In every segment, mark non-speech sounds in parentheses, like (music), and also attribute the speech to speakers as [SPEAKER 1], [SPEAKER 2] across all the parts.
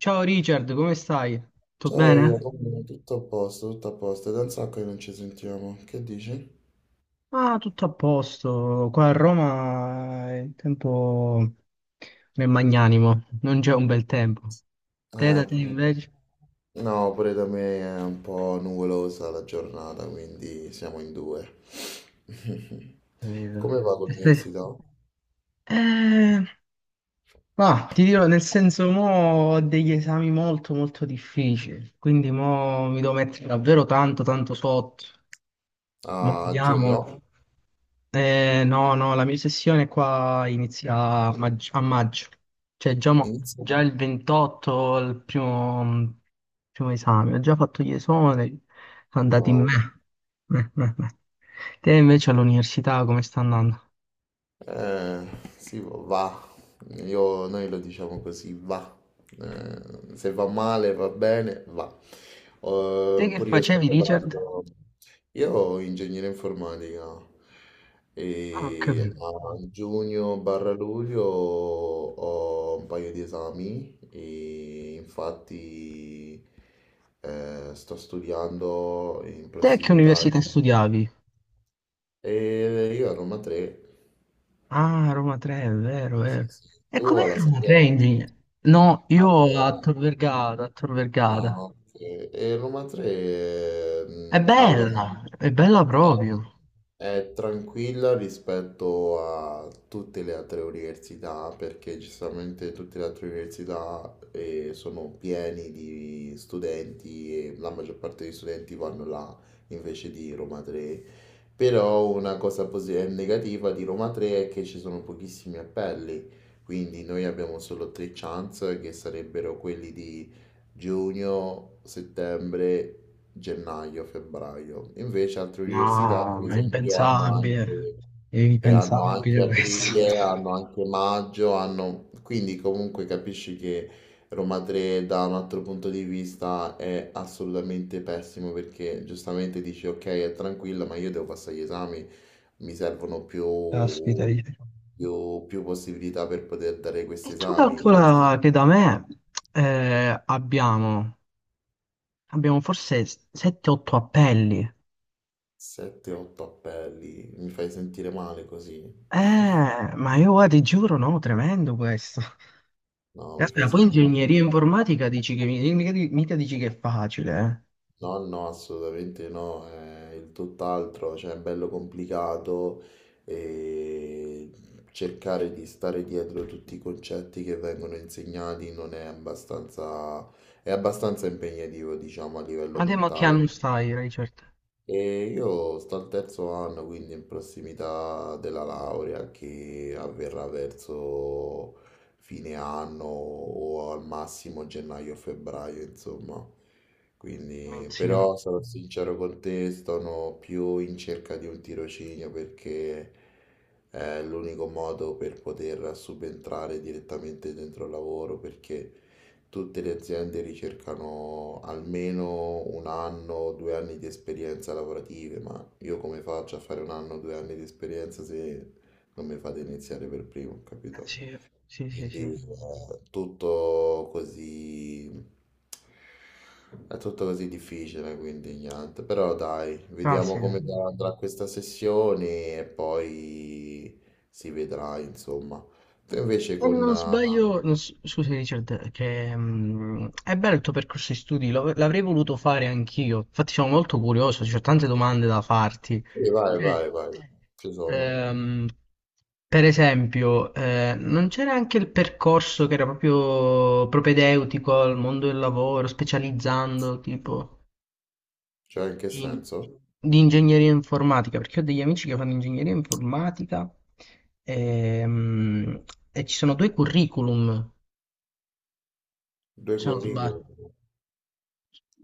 [SPEAKER 1] Ciao Richard, come stai? Tutto
[SPEAKER 2] Ciao, Elia,
[SPEAKER 1] bene?
[SPEAKER 2] tutto a posto, tutto a posto. È da un sacco che non ci sentiamo. Che dici?
[SPEAKER 1] Ah, tutto a posto. Qua a Roma il tempo non è magnanimo, non c'è un bel tempo. Te Da
[SPEAKER 2] Eh,
[SPEAKER 1] te invece?
[SPEAKER 2] no, pure da me è un po' nuvolosa la giornata, quindi siamo in due. (laughs)
[SPEAKER 1] Capito.
[SPEAKER 2] Come va con
[SPEAKER 1] Te stai-
[SPEAKER 2] l'università?
[SPEAKER 1] Eh, ma ti dirò, nel senso, mo ho degli esami molto molto difficili, quindi mo mi devo mettere davvero tanto tanto sotto. Ma
[SPEAKER 2] A
[SPEAKER 1] vediamo.
[SPEAKER 2] giugno?
[SPEAKER 1] No, no, la mia sessione qua inizia a maggio, a maggio. Cioè già,
[SPEAKER 2] Inizia?
[SPEAKER 1] già il 28, il primo, primo esame, ho già fatto gli esami, sono andati in me. Eh, eh, eh. Te invece all'università come sta andando?
[SPEAKER 2] Eh, sì, va. Noi lo diciamo così, va. Se va male, va bene, va.
[SPEAKER 1] Te che
[SPEAKER 2] Pure io sto
[SPEAKER 1] facevi, Richard?
[SPEAKER 2] preparando. Io ho ingegneria informatica
[SPEAKER 1] Ah, ho
[SPEAKER 2] e
[SPEAKER 1] capito.
[SPEAKER 2] a giugno barra luglio ho un paio di esami e infatti sto studiando in
[SPEAKER 1] Te che
[SPEAKER 2] prossimità.
[SPEAKER 1] università studiavi?
[SPEAKER 2] E io a Roma 3.
[SPEAKER 1] Ah, Roma 3, è vero, è
[SPEAKER 2] Sì,
[SPEAKER 1] vero.
[SPEAKER 2] sì.
[SPEAKER 1] E
[SPEAKER 2] Tu
[SPEAKER 1] com'è
[SPEAKER 2] alla
[SPEAKER 1] Roma 3
[SPEAKER 2] Sandiego?
[SPEAKER 1] in genere? No, io a
[SPEAKER 2] Allora,
[SPEAKER 1] Tor Vergata, a Tor
[SPEAKER 2] ah,
[SPEAKER 1] Vergata.
[SPEAKER 2] ok. E Roma 3, allora,
[SPEAKER 1] È bella proprio.
[SPEAKER 2] è, è tranquilla rispetto a tutte le altre università, perché giustamente tutte le altre università sono pieni di studenti e la maggior parte degli studenti vanno là invece di Roma 3. Però una negativa di Roma 3 è che ci sono pochissimi appelli, quindi noi abbiamo solo tre chance che sarebbero quelli di giugno, settembre, gennaio, febbraio. Invece altre università,
[SPEAKER 1] No,
[SPEAKER 2] per
[SPEAKER 1] ma è
[SPEAKER 2] esempio, hanno
[SPEAKER 1] impensabile.
[SPEAKER 2] anche,
[SPEAKER 1] È
[SPEAKER 2] e hanno
[SPEAKER 1] impensabile
[SPEAKER 2] anche
[SPEAKER 1] questo.
[SPEAKER 2] aprile, hanno anche maggio, hanno quindi comunque capisci che Roma 3 da un altro punto di vista è assolutamente pessimo perché giustamente dici ok è tranquilla ma io devo passare gli esami, mi servono
[SPEAKER 1] (laughs) Caspita.
[SPEAKER 2] più possibilità per poter dare
[SPEAKER 1] E
[SPEAKER 2] questi
[SPEAKER 1] tu
[SPEAKER 2] esami.
[SPEAKER 1] calcola che da me eh, abbiamo, abbiamo forse 7-8 appelli.
[SPEAKER 2] 7-8 appelli, mi fai sentire male così?
[SPEAKER 1] Eh, ma io guarda, ti giuro, no, tremendo questo.
[SPEAKER 2] No, mi fai
[SPEAKER 1] Aspetta, poi
[SPEAKER 2] sentire
[SPEAKER 1] ingegneria
[SPEAKER 2] male.
[SPEAKER 1] informatica dici che mica, mica dici che è facile, eh.
[SPEAKER 2] No, no, assolutamente no, è il tutt'altro, cioè è bello complicato e cercare di stare dietro tutti i concetti che vengono insegnati non è abbastanza, è abbastanza impegnativo, diciamo, a livello
[SPEAKER 1] Ma che
[SPEAKER 2] mentale.
[SPEAKER 1] anno stai, Richard?
[SPEAKER 2] E io sto al terzo anno, quindi in prossimità della laurea che avverrà verso fine anno o al massimo gennaio o febbraio, insomma.
[SPEAKER 1] Non
[SPEAKER 2] Quindi,
[SPEAKER 1] Sì,
[SPEAKER 2] però sarò sincero con te, sono più in cerca di un tirocinio perché è l'unico modo per poter subentrare direttamente dentro il lavoro, perché tutte le aziende ricercano almeno un anno o due anni di esperienza lavorative, ma io come faccio a fare un anno o due anni di esperienza se non mi fate iniziare per primo, capito?
[SPEAKER 1] sì, sì, sì.
[SPEAKER 2] Quindi
[SPEAKER 1] Sì.
[SPEAKER 2] è tutto così difficile, quindi niente. Però dai,
[SPEAKER 1] Ah, sì.
[SPEAKER 2] vediamo come andrà questa sessione e poi si vedrà, insomma. Tu invece
[SPEAKER 1] E
[SPEAKER 2] con...
[SPEAKER 1] non sbaglio, non s- scusa Richard, che è bello il tuo percorso di studi, l'avrei voluto fare anch'io. Infatti sono molto curioso, ci ho tante domande da farti.
[SPEAKER 2] Vai, vai,
[SPEAKER 1] Sì.
[SPEAKER 2] vai, ci sono.
[SPEAKER 1] Ehm, per esempio, non c'era anche il percorso che era proprio propedeutico al mondo del lavoro, specializzando tipo
[SPEAKER 2] Cioè, in che
[SPEAKER 1] in-
[SPEAKER 2] senso?
[SPEAKER 1] di ingegneria informatica, perché ho degli amici che fanno ingegneria informatica ehm, e ci sono due curriculum
[SPEAKER 2] Due
[SPEAKER 1] se non sbaglio.
[SPEAKER 2] curriculum.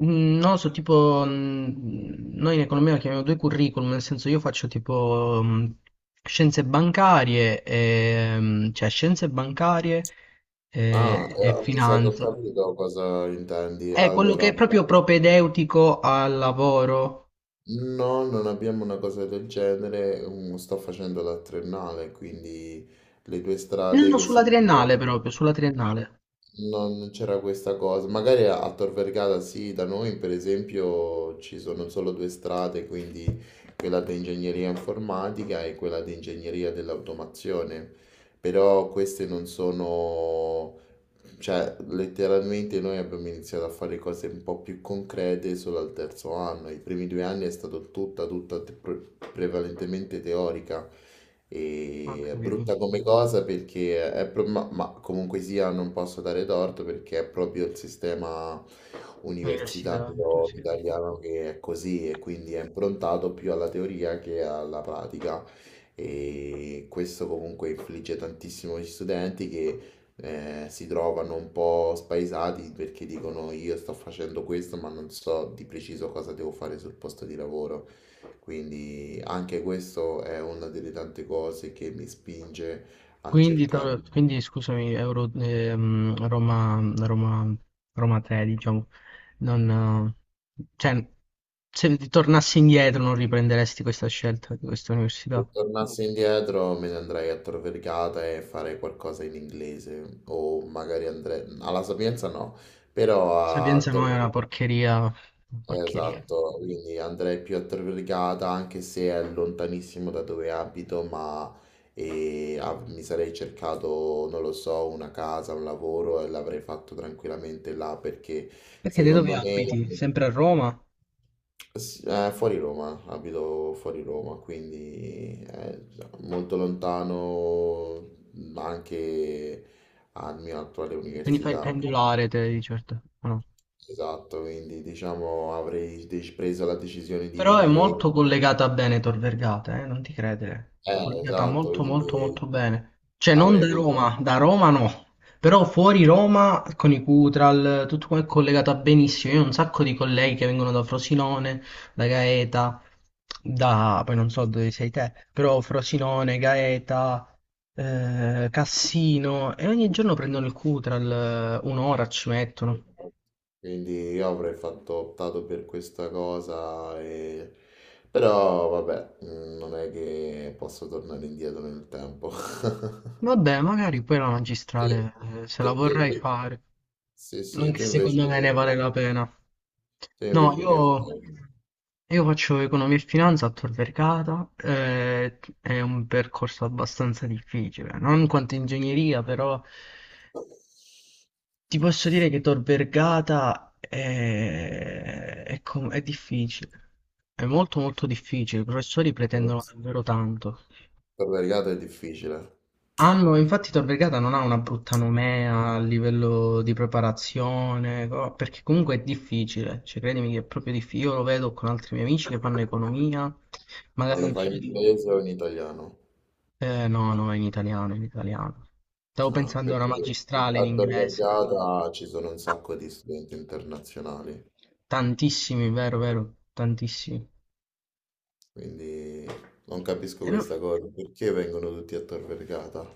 [SPEAKER 1] No, so tipo, noi in economia lo chiamiamo due curriculum, nel senso io faccio tipo scienze bancarie, e, cioè scienze bancarie
[SPEAKER 2] Ah,
[SPEAKER 1] e
[SPEAKER 2] mi sa che ho
[SPEAKER 1] finanza.
[SPEAKER 2] capito cosa intendi.
[SPEAKER 1] È quello che
[SPEAKER 2] Allora,
[SPEAKER 1] è proprio propedeutico al lavoro.
[SPEAKER 2] no, non abbiamo una cosa del genere. Sto facendo la triennale, quindi le due
[SPEAKER 1] No,
[SPEAKER 2] strade
[SPEAKER 1] no,
[SPEAKER 2] che
[SPEAKER 1] sulla
[SPEAKER 2] si
[SPEAKER 1] triennale
[SPEAKER 2] potevano
[SPEAKER 1] proprio, sulla triennale.
[SPEAKER 2] Non c'era questa cosa. Magari a Tor Vergata sì, da noi per esempio ci sono solo due strade, quindi quella di ingegneria informatica e quella di ingegneria dell'automazione. Però queste non sono cioè, letteralmente noi abbiamo iniziato a fare cose un po' più concrete solo al terzo anno. I primi due anni è stato prevalentemente teorica.
[SPEAKER 1] Ho
[SPEAKER 2] È
[SPEAKER 1] capito.
[SPEAKER 2] brutta come cosa perché è ma comunque sia non posso dare torto perché è proprio il sistema
[SPEAKER 1] Università, università.
[SPEAKER 2] universitario italiano che è così e quindi è improntato più alla teoria che alla pratica. E questo comunque infligge tantissimo agli studenti che si trovano un po' spaesati perché dicono io sto facendo questo ma non so di preciso cosa devo fare sul posto di lavoro. Quindi anche questo è una delle tante cose che mi spinge a
[SPEAKER 1] Quindi,
[SPEAKER 2] cercare.
[SPEAKER 1] to- quindi, scusami, Roma, Roma 3, diciamo, non, cioè, se ti tornassi indietro non riprenderesti questa scelta di questa università.
[SPEAKER 2] Se
[SPEAKER 1] La
[SPEAKER 2] tornassi indietro me ne andrei a Tor Vergata e farei qualcosa in inglese o magari andrei alla Sapienza no, però a
[SPEAKER 1] Sapienza no,
[SPEAKER 2] Tor
[SPEAKER 1] è una
[SPEAKER 2] Vergata.
[SPEAKER 1] porcheria, una porcheria.
[SPEAKER 2] Esatto, quindi andrei più a Torregata anche se è lontanissimo da dove abito, ma mi sarei cercato, non lo so, una casa, un lavoro e l'avrei fatto tranquillamente là perché
[SPEAKER 1] Perché te dove
[SPEAKER 2] secondo me
[SPEAKER 1] abiti? Sempre a Roma?
[SPEAKER 2] sì, fuori Roma, abito fuori Roma, quindi molto lontano ma anche alla mia attuale
[SPEAKER 1] Quindi fai il
[SPEAKER 2] università.
[SPEAKER 1] pendolare te di certo, o no?
[SPEAKER 2] Esatto, quindi diciamo preso la decisione di
[SPEAKER 1] Però è
[SPEAKER 2] venire...
[SPEAKER 1] molto collegata a Veneto, Vergata, non ti credere. Collegata
[SPEAKER 2] Esatto,
[SPEAKER 1] molto
[SPEAKER 2] quindi
[SPEAKER 1] molto molto bene. Cioè non
[SPEAKER 2] avrei
[SPEAKER 1] da
[SPEAKER 2] preso...
[SPEAKER 1] Roma, da Roma no. Però fuori Roma, con i Cutral, tutto qua è collegata benissimo. Io ho un sacco di colleghi che vengono da Frosinone, da Gaeta, poi non so dove sei te, però Frosinone, Gaeta, Cassino, e ogni giorno prendono il Cutral, un'ora ci mettono.
[SPEAKER 2] Quindi io avrei fatto, optato per questa cosa, e... però vabbè, non è che posso tornare indietro nel tempo. (laughs)
[SPEAKER 1] Vabbè, magari poi la
[SPEAKER 2] Sì,
[SPEAKER 1] magistrale, se
[SPEAKER 2] sì,
[SPEAKER 1] la
[SPEAKER 2] sì,
[SPEAKER 1] vorrei
[SPEAKER 2] sì.
[SPEAKER 1] fare.
[SPEAKER 2] Sì, sì,
[SPEAKER 1] Anche se secondo me ne vale la pena.
[SPEAKER 2] tu
[SPEAKER 1] No,
[SPEAKER 2] invece che
[SPEAKER 1] io,
[SPEAKER 2] fai?
[SPEAKER 1] io faccio economia e finanza a Tor Vergata, è un percorso abbastanza difficile, non quanto ingegneria, però ti posso dire che Tor Vergata è difficile, è molto molto difficile, i professori pretendono davvero tanto.
[SPEAKER 2] Per la regata è difficile,
[SPEAKER 1] Infatti Tor Vergata non ha una brutta nomea a livello di preparazione, perché comunque è difficile, cioè credimi che è proprio difficile, io lo vedo con altri miei amici che fanno economia,
[SPEAKER 2] ma
[SPEAKER 1] magari...
[SPEAKER 2] lo
[SPEAKER 1] in
[SPEAKER 2] fai in
[SPEAKER 1] giro di-
[SPEAKER 2] inglese o in italiano?
[SPEAKER 1] No, no, è in italiano, in italiano. Stavo
[SPEAKER 2] Ah,
[SPEAKER 1] pensando a una
[SPEAKER 2] perché
[SPEAKER 1] magistrale in
[SPEAKER 2] a Tor
[SPEAKER 1] inglese.
[SPEAKER 2] Vergata ci sono un sacco di studenti internazionali,
[SPEAKER 1] Tantissimi, vero, vero, tantissimi.
[SPEAKER 2] quindi non capisco
[SPEAKER 1] No.
[SPEAKER 2] questa cosa, perché vengono tutti a Tor Vergata?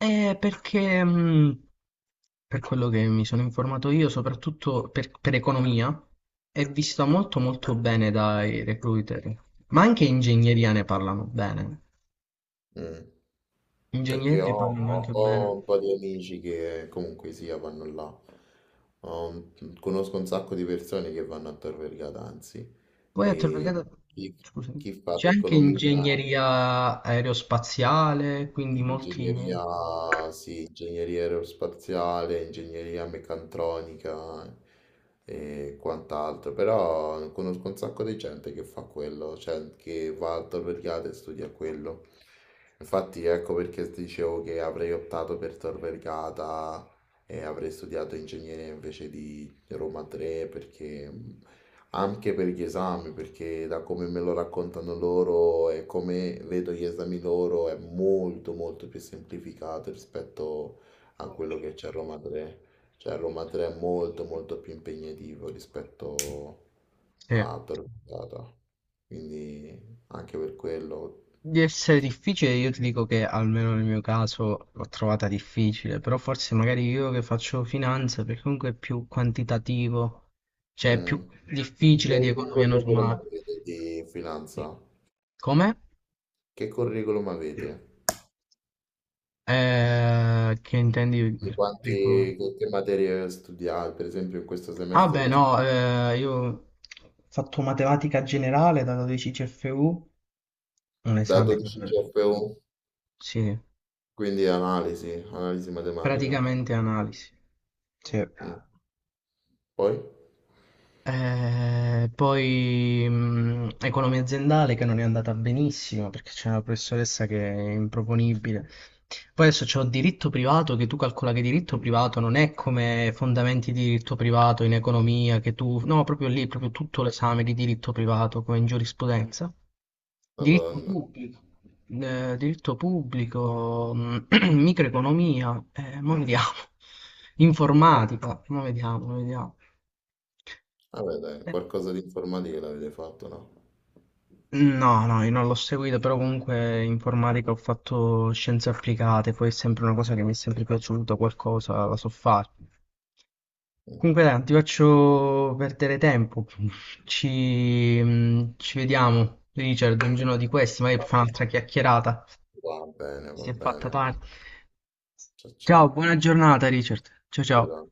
[SPEAKER 1] Perché per quello che mi sono informato io, soprattutto per economia, è vista molto molto bene dai recruiter, ma anche ingegneria ne parlano bene.
[SPEAKER 2] Mm,
[SPEAKER 1] Ingegneria
[SPEAKER 2] perché
[SPEAKER 1] ne parlano anche
[SPEAKER 2] ho
[SPEAKER 1] bene.
[SPEAKER 2] un po' di amici che comunque sia vanno là. Conosco un sacco di persone che vanno a Tor Vergata, anzi,
[SPEAKER 1] Poi
[SPEAKER 2] e chi,
[SPEAKER 1] Scusami,
[SPEAKER 2] chi fa
[SPEAKER 1] c'è anche
[SPEAKER 2] economia,
[SPEAKER 1] ingegneria aerospaziale, quindi molti.
[SPEAKER 2] ingegneria, sì, ingegneria aerospaziale, ingegneria meccatronica e quant'altro, però conosco un sacco di gente che fa quello, cioè che va al Tor Vergata e studia quello. Infatti ecco perché ti dicevo che avrei optato per Tor Vergata e avrei studiato ingegneria invece di Roma 3 perché anche per gli esami, perché da come me lo raccontano loro e come vedo gli esami loro è molto molto più semplificato rispetto a quello che c'è a Roma 3. Cioè a Roma 3 è molto molto più impegnativo rispetto
[SPEAKER 1] Sì.
[SPEAKER 2] a Torquemada. Quindi anche per quello.
[SPEAKER 1] Di essere difficile, io ti dico che almeno nel mio caso l'ho trovata difficile, però forse magari io che faccio finanza, perché comunque è più quantitativo, cioè è
[SPEAKER 2] Mm.
[SPEAKER 1] più difficile di
[SPEAKER 2] E che
[SPEAKER 1] economia
[SPEAKER 2] curriculum
[SPEAKER 1] normale.
[SPEAKER 2] avete di finanza?
[SPEAKER 1] Come?
[SPEAKER 2] Che curriculum avete?
[SPEAKER 1] Che intendi
[SPEAKER 2] Di
[SPEAKER 1] per curriculum?
[SPEAKER 2] quanti, che materie studiate, per esempio in questo
[SPEAKER 1] Ah
[SPEAKER 2] semestre
[SPEAKER 1] beh
[SPEAKER 2] che studiate?
[SPEAKER 1] no, io ho fatto matematica generale da 12 CFU, un
[SPEAKER 2] Da
[SPEAKER 1] esame,
[SPEAKER 2] 12 CFU,
[SPEAKER 1] sì,
[SPEAKER 2] quindi analisi, analisi matematica.
[SPEAKER 1] praticamente analisi. Sì.
[SPEAKER 2] Mm. Poi?
[SPEAKER 1] Poi economia aziendale che non è andata benissimo perché c'è una professoressa che è improponibile. Poi adesso c'ho diritto privato che tu calcola che diritto privato non è come fondamenti di diritto privato in economia. No, proprio lì, proprio tutto l'esame di diritto privato come in giurisprudenza. Diritto
[SPEAKER 2] Madonna.
[SPEAKER 1] pubblico. Diritto pubblico, (clears throat) microeconomia, mo vediamo. Informatica, mo vediamo, mo vediamo.
[SPEAKER 2] Vabbè, dai,
[SPEAKER 1] Eh,
[SPEAKER 2] qualcosa di informatica l'avete fatto, no?
[SPEAKER 1] No, no, io non l'ho seguito, però comunque informatica ho fatto scienze applicate, poi è sempre una cosa che mi è sempre piaciuta, qualcosa la so fare.
[SPEAKER 2] Mm.
[SPEAKER 1] Comunque dai, non ti faccio perdere tempo, ci vediamo, Richard, un giorno di questi, magari per fare un'altra chiacchierata,
[SPEAKER 2] Va bene,
[SPEAKER 1] si
[SPEAKER 2] va
[SPEAKER 1] è fatta
[SPEAKER 2] bene.
[SPEAKER 1] tardi.
[SPEAKER 2] Ciao,
[SPEAKER 1] Ciao,
[SPEAKER 2] ciao.
[SPEAKER 1] buona giornata, Richard, ciao ciao.
[SPEAKER 2] Vedremo.